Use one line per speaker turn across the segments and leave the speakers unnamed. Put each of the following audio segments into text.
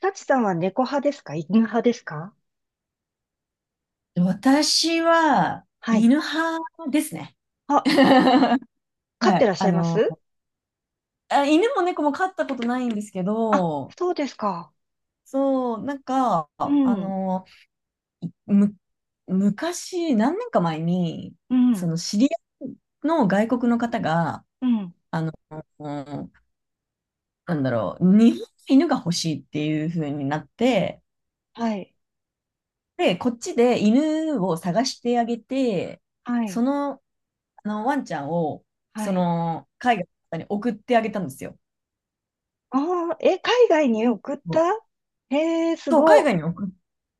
タチさんは猫派ですか？犬派ですか？
私は、
はい。
犬派ですね。
あ、飼っ
は
てら
い。
っしゃいます？
あ、犬も猫も飼ったことないんですけ
あ、
ど、
そうですか。
そう、
うん、
いむ、昔、何年か前に、
う
そ
ん、
の知り合いの外国の方が、
うん。
あの、な日本の犬が欲しいっていう風になって、
はい、
で、こっちで犬を探してあげて、
は
そ
い、
のワンちゃんを、
はい。
海外の方に送ってあげたんですよ。
ああ、え、海外に送っ
う
た？
ん、
へえ、す
そう、海
ご。
外に送っ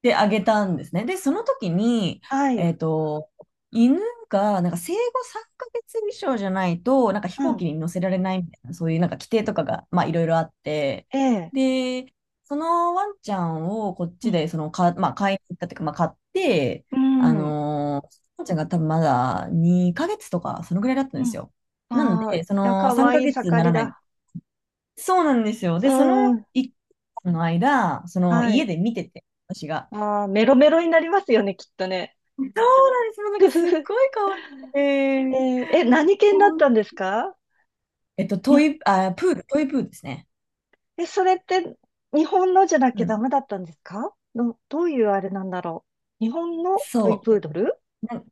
てあげたんですね。で、その時に、
は
え
い、
っと、犬が、生後3ヶ月以上じゃないと、飛
う
行機
ん、
に乗せられないみたいな、そういう規定とかが、まあ、いろいろあって、
ええ、
で、そのワンちゃんをこっ
う
ち
ん、
で、まあ、買いに行ったというか、まあ、買って、
うん、
ワンちゃんが多分まだ2ヶ月とか、そのぐらいだったん
う
です
ん。
よ。なん
ああ、い
で、そ
や、
の
か
3
わいい
ヶ月に
盛
なら
り
ない
だ。
そうなんですよ。で、その
うん、
1の間、その
は
家
い。
で見てて、私が。
ああ、メロメロになりますよね、きっとね。
そうなんです。もう
ふふ
すっ
ふ。
ごい可愛く
えーえ、
て。
何犬だっ
ほん
たんですか？
えっと、
い
ト
や、
イ、あ、プール、トイプールですね。
それって日本のじゃなき
う
ゃダ
ん。
メだったんですか？どういうあれなんだろう。日本のトイ
そう。
プードル？
な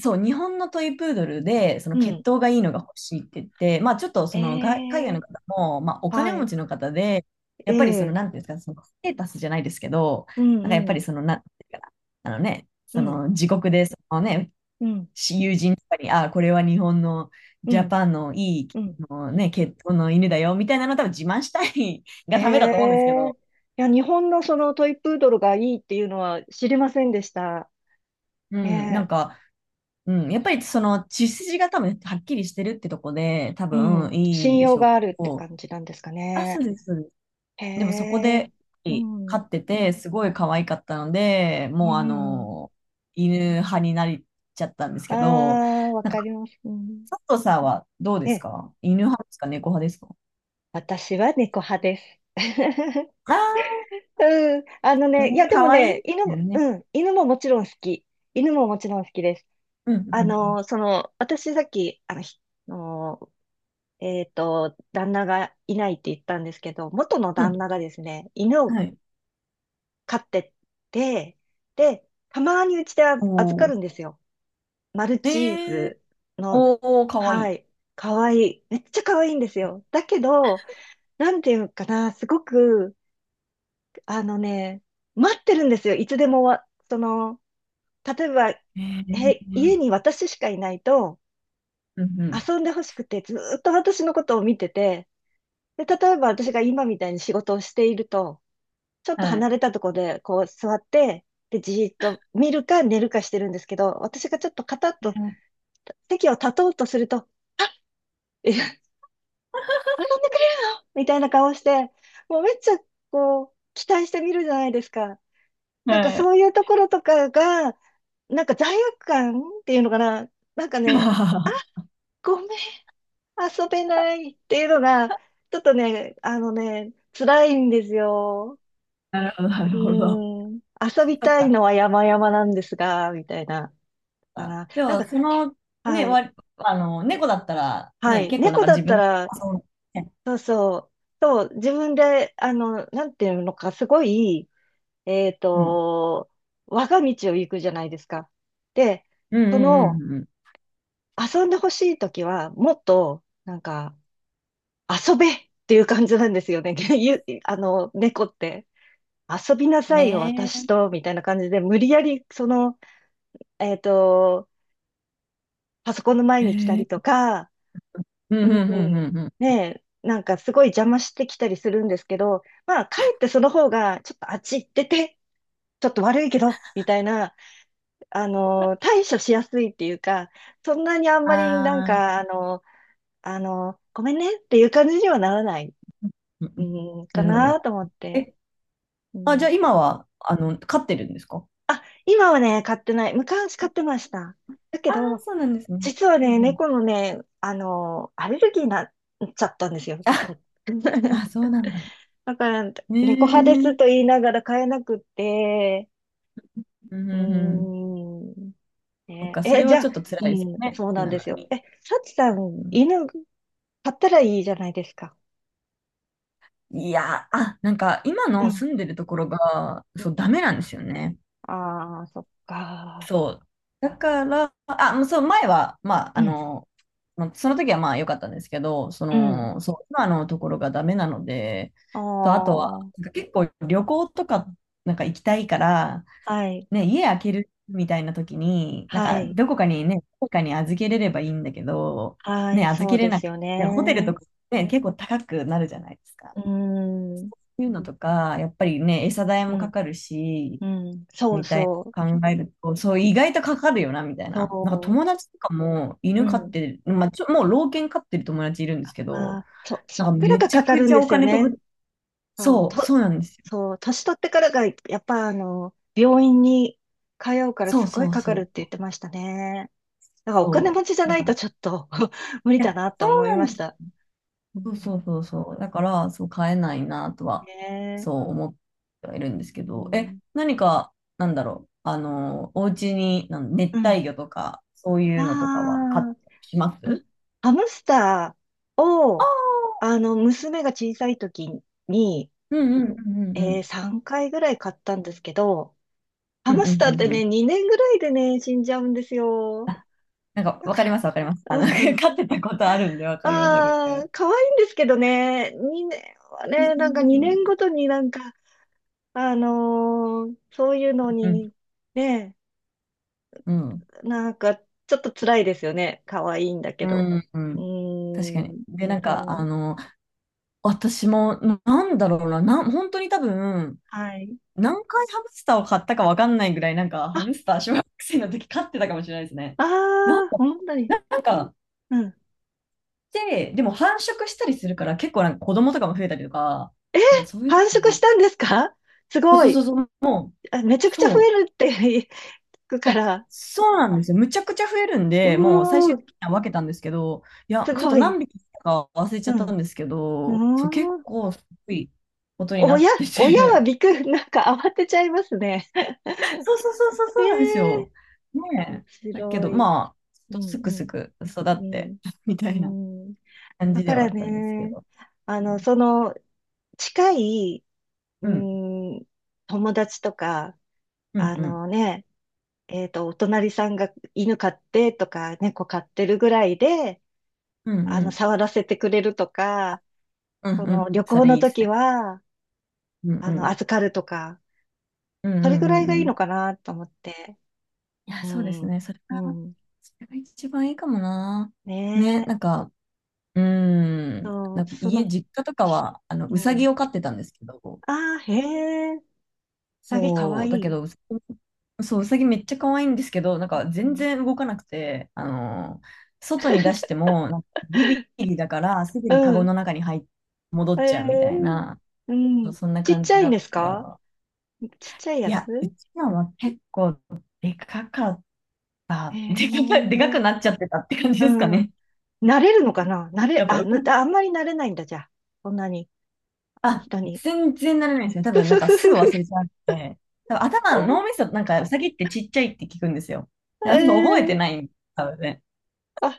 そう、日本のトイプードルで、その
う
血
ん。
統がいいのが欲しいって言って、まあちょっとそのが海
え
外の
え。
方も、まあお金
は
持
い。
ちの方で、やっぱりその、
ええ。
なんていうんですか、そのステータスじゃないですけど、
う
やっ
んう
ぱり
ん。
その、なんていうかな、あのね、
う
そ
ん。
の自国で、そのね、
うん。
友人とかに、ああ、これは日本の
う
ジャ
ん。
パンのいい、
うん。
あのね、血統の犬だよ、みたいなの多分自慢したい
え
がためだと思うんですけ
え。
ど、
いや、日本のそのトイプードルがいいっていうのは知りませんでした。
う
え
ん、なん
え。
か、うん、やっぱりその血筋が多分はっきりしてるってとこで多
う
分
ん。
いい
信
んで
用
しょう
があ
け
るって
ど、
感じなんですか
あ、そう
ね。
です、そうです。
へ
でもそこ
え。
で
う
飼
ん。
っててすごい可愛かったので、
う
もう
ん。
犬派になっちゃったんです
あ
けど、
あ、わ
なん
か
か
ります。うん。
佐藤さんはどうで
え
す
え。
か、犬派ですか、猫派ですか？
私は猫派です。
ああ
うん。あの
ー、う
ね、いや、
ん、
でも
可愛いで
ね、犬
すよ
も、
ね。
うん、犬ももちろん好き。犬ももちろん好きです。
うん、
あ
うん、
の、その、私さっき、あの、ひあのえっと、旦那がいないって言ったんですけど、元の
うん。
旦那がですね、犬
うん、
を
はい。
飼ってて、で、たまにうちであ預か
おー。
るんですよ。マル
え
チー
ー、
ズの、
おー、可愛
は
い。
い、かわいい。めっちゃかわいいんですよ。だけど、なんていうのかな、すごく、あのね、待ってるんですよ。いつでもその、例えば、
え
家に
ー、
私しかいないと、
うん、うん。
遊んでほしくて、ずーっと私のことを見てて、で、例えば私が今みたいに仕事をしていると、ちょっと
はい。
離れたとこで、こう座って、で、じーっと見るか寝るかしてるんですけど、私がちょっとカタッと席を立とうとすると、え、遊んでくれよみたいな顔して、もうめっちゃ、こう、期待してみるじゃないですか。なんか
はい。
そういうところとかが、なんか罪悪感っていうのかな。なんかね、
あ
ごめん、遊べないっていうのが、ちょっとね、あのね、辛いんですよ。
ー、なるほど、な
う
るほど。
ーん、遊び
そっ
たい
か。
のは山々なんですが、みたいな。か
あ、
な。
で
なん
も、
か、
その、ね、
はい、
わ、あの、猫だったら、
は
ね、
い。
結構
猫だ
自
った
分、
ら、
あ、そうね。
そうそう、そう、自分で、あの、なんていうのか、すごい、えっ
うん。
と、我が道を行くじゃないですか。で、
うん
そ
うん
の、
うん
遊んでほしいときは、もっと、なんか、遊べっていう感じなんですよね。ゆあの、猫って。遊びな
うん。
さいよ、
ね
私と、みたいな感じで、無理やり、その、えっと、パソコンの前
え。
に来た
へ
りと
え。
か、
うんう
う
ん
ん、
うんうんう
ねえ、なんかすごい邪魔してきたりするんですけど、まあ、かえってその方が、ちょっとあっち行ってて、ちょっと悪いけど、みたいな、あの、対処しやすいっていうか、そんなにあん
ん。
まりなん
ああ。
か、あの、ごめんねっていう感じにはならない、
うんうん。
うん、か
なるほど。
なと思って。
え、
う
あ、じゃ
ん、
あ今は、飼ってるんですか？
今はね、買ってない。昔買ってました。だけ
ああー、
ど、
そうなんですね。
実は
う
ね、
んうん。
猫のね、あの、アレルギーになっちゃったんですよ。
あ、あ、そ うなんだ。
だから、
ね
猫
え。
派で
う
す
ん
と言いながら飼えなくって、
うん
うー
うん。
ん、
そっ
ね、
か、それ
え、じ
は
ゃ
ち
あ、
ょっと辛
う
いですよ
ん、
ね。
そう
好き
なん
な
で
の
すよ。
に。
え、サチさ
う
ん、
ん、
犬飼ったらいいじゃないですか。
いや、あ、今
う
の
ん。
住んでるところが、そう、ダメなんですよね。
ああー、そっか。
そう。だから、あ、もうそう、前は、まあ、
うん、
まあその時はまあ良かったんですけど、そ
うん。
の、そう、今のところがダメなので、
あ
あとは、
あ、
結構旅行とか、行きたいから、
はい、
ね、家開けるみたいな時に、
はい、
どこかにね、どこかに預けれればいいんだけど、
は
ね、
い、
預
そ
け
う
れ
で
な
す
く
よ
て、ホテルと
ね。
かね、結構高くなるじゃないですか。
うーん、
いうのとか、やっぱりね、餌代
う
もか
ん、
かるし、
うん、そう
みたい
そう、
な考えると、そう、意外とかかるよな、みたいな。
そ
友達とかも
う、う
犬飼っ
ん。
てる、まあ、もう老犬飼ってる友達いるんで
あ
すけど、
あ、そ、そっから
め
が
ちゃ
かか
く
る
ち
ん
ゃ
で
お
すよ
金飛
ね。
ぶ。
そう、
そう、そうなんですよ。
そう、年取ってからが、やっぱ、あの、病院に通うから
そ
す
う
っごい
そう
かか
そ
るっ
う。
て言ってましたね。だからお金持
そ
ちじゃ
う。だ
な
か
い
ら、
とちょっ
い
と 無理だ
や、
なと
そ
思
う
い
な
ま
ん
し
です、
た。う
そうそう
ん、
そうそう。だから、そう買えないなと
ね
は、そ
え、
う思ってはいるんですけ
う
ど、え、
ん、
何か、お家に、熱
うん。
帯魚とか、そうい
あ
うのとかは買ってきま
あ、あ
す？
ハムスターを、あの、娘が小さい時に、
うんうんうんうんうん。
3回ぐらい買ったんですけど、ハ
うんう
ム
ん
スターっ
うん
て
う
ね、
ん。
2年ぐらいでね、死んじゃうんですよ。だ
わか
か
ります、わかります。
ら、うん。
飼ってたことあるんで、わかります、わかり
あ
ます。
あ、可愛いんですけどね、2年は
そうそう
ね、なんか
そ
2年ご
う、
とになんか、そういうの
うん。
にね、
うん。
なんかちょっと辛いですよね。可愛いんだけ
う
ど。
ん。う
う
ん、確か
ー
に。
ん、
で、
そう。
私も、ななんだろうな、な、本当に多分、
はい。
何回ハムスターを買ったかわかんないぐらい、ハムスター小学生の時飼ってたかもしれないですね。
あ
なん
あ、
か、
本当に。
ななんか、
うん。
でも繁殖したりするから、結構子供とかも増えたりとか、
え、
そういう
繁殖
の
し
も、
たんですか？す
あ、
ご
そうそ
い。
うそうそう、も
あ、めち
う、
ゃくちゃ
そ
増え
う、
るって 聞くから。
そうなんですよ。むちゃくちゃ増えるん
う
で、もう最
ー
終
ん、
的には分けたんですけど、いや、
す
ちょっと
ごい。
何匹か忘れちゃ
う
っ
ん。
た
う
んですけど、そう、結
ーん。
構すごいことにな
親、
って
親は
て。
びっくり、なんか慌てちゃいますね。
そうそうそうそう、そ
え
うなんです
え。
よ。
面
ねえ。だけ
白
ど、
い。
まあ、
う
ちょっと
ん
すくすく育
うん。
って、みた
う
いな
ん。うん。
感
だ
じで
か
はあ
ら
ったんですけ
ね、
ど。
あ
う
の、
ん、
その、近い、う
うん、
ん、友達とか、
うん、
あ
うん、
のね、お隣さんが犬飼ってとか、猫飼ってるぐらいで、
う
あの、
ん、
触らせてくれるとか、
うん、
そ
う
の、
ん、
旅
そ
行
れ
の
いいです
時
ね。
は、
うん、
あ
う
の、
ん、
預かるとか、
うん、う
それぐ
ん、う
ら
ん。
いがい
う
いの
ん、
かなと思って。
いや、
う
そうです
ん。
ね。それ
う
が、
ん。
それが一番いいかもな。
ね
ね、
え。そう、そ
家、
の、
実家とかは、
う
うさ
ん。
ぎを飼ってたんですけど、
ああ、へえ。サゲかわ
そ
い
う、だけ
い。
ど、うさぎめっちゃ可愛いんですけど、
う
全
ん。
然動かなくて、外に出しても、ビビリだから、すぐに
う
カゴ
ん。
の中に戻
へ
っちゃうみたい
え。
な、
う
そう、
ん。
そんな
ちっ
感
ち
じ
ゃい
だ
んで
った
す
か
か？
ら、
ちっちゃい
い
や
や、う
つ？
ちのは結構でかかっ
へ
で
え。
かくなっちゃってたって感じ
う
ですか
ん。
ね。
慣れるのかな？慣れ、
やっぱ
あ、
動く
ぬあんまり慣れないんだ、じゃあ。そんなに、
あ、
人に。
全然慣れないんですよ。多
ふ
分、
ふふ
す
ふ
ぐ
ふ。
忘れちゃって、多分
あ、
脳みそ、ウサギってちっちゃいって聞くんですよ。だからそう覚えて
え
な
え、
いんです、多分ね。
あ、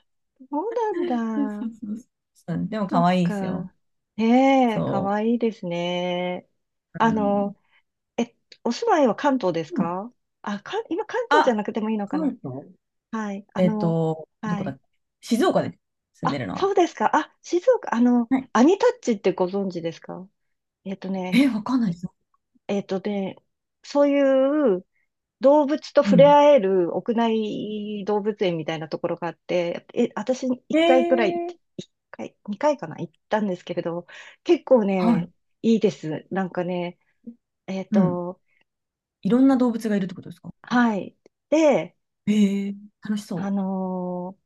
そうなん
そうそ
だ。
うそう、うん、でも、
そ
可
っ
愛いですよ。
か。ねえ、か
そ
わいいですね。
う。う
あ
ん。
の、え、お住まいは関東です
うん。
か？あ、今関東じゃ
あ、
なくてもいいのかな？
関東。
はい。あの、
ど
は
こだ
い。
っけ。静岡です。住ん
あ、
でるの
そう
は。
ですか。あ、静岡、あの、
はい。
アニタッチってご存知ですか？えっとね、
え、わかんないですよ。
えっとね、そういう動物と
う
触れ
ん。
合える屋内動物園みたいなところがあって、え、私
へ
1回くらい、
えー。
1回、2回かな、行ったんですけれど、結構
はい。
ね、いいです。なんかね、えっ
うん。
と、
いろんな動物がいるってことですか？
はい。で、
へえー、楽し
あ
そ
のー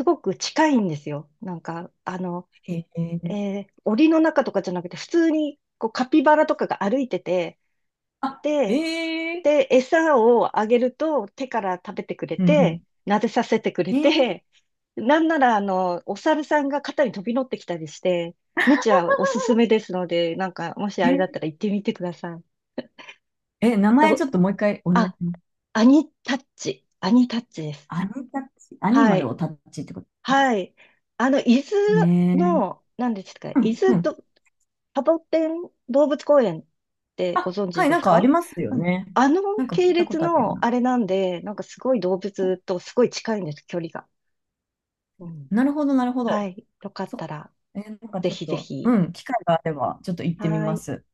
すごく近いんですよ。なんか、あの、
う。へえー、
檻の中とかじゃなくて、普通にこうカピバラとかが歩いてて、
あ、
で、
へえー、
餌をあげると手から食べてくれ
うんうん。
て、撫でさせてくれ
へえー、
て、なんなら、あの、お猿さんが肩に飛び乗ってきたりして、めちゃおすすめですので、なんか、もしあれだった
え
ら行ってみてください。
え、名前ち
と、
ょっともう一回お願いし
あ、
ます。
アニタッチ。アニタッチです。
アニタッチ、アニ
は
マル
い。
をタッチってこと
はい。あの、伊豆
ね。
の、何ですか、
う
伊
ん、
豆
うん。
ど、サボテン動物公園ってご
あ、
存
は
知
い、
で
なん
す
かあり
か？
ますよ
うん。
ね。
あの
なんか聞
系
いたこ
列
とあるよう
の
な。
あれなんで、なんかすごい動物とすごい近いんです、距離が。うん。
なるほど、なるほ
は
ど。
い。よかっ
そ、
たら、
え、なんか
ぜ
ちょっ
ひぜ
と、
ひ。
うん、機会があれば、ちょっと行ってみ
はー
ま
い。
す。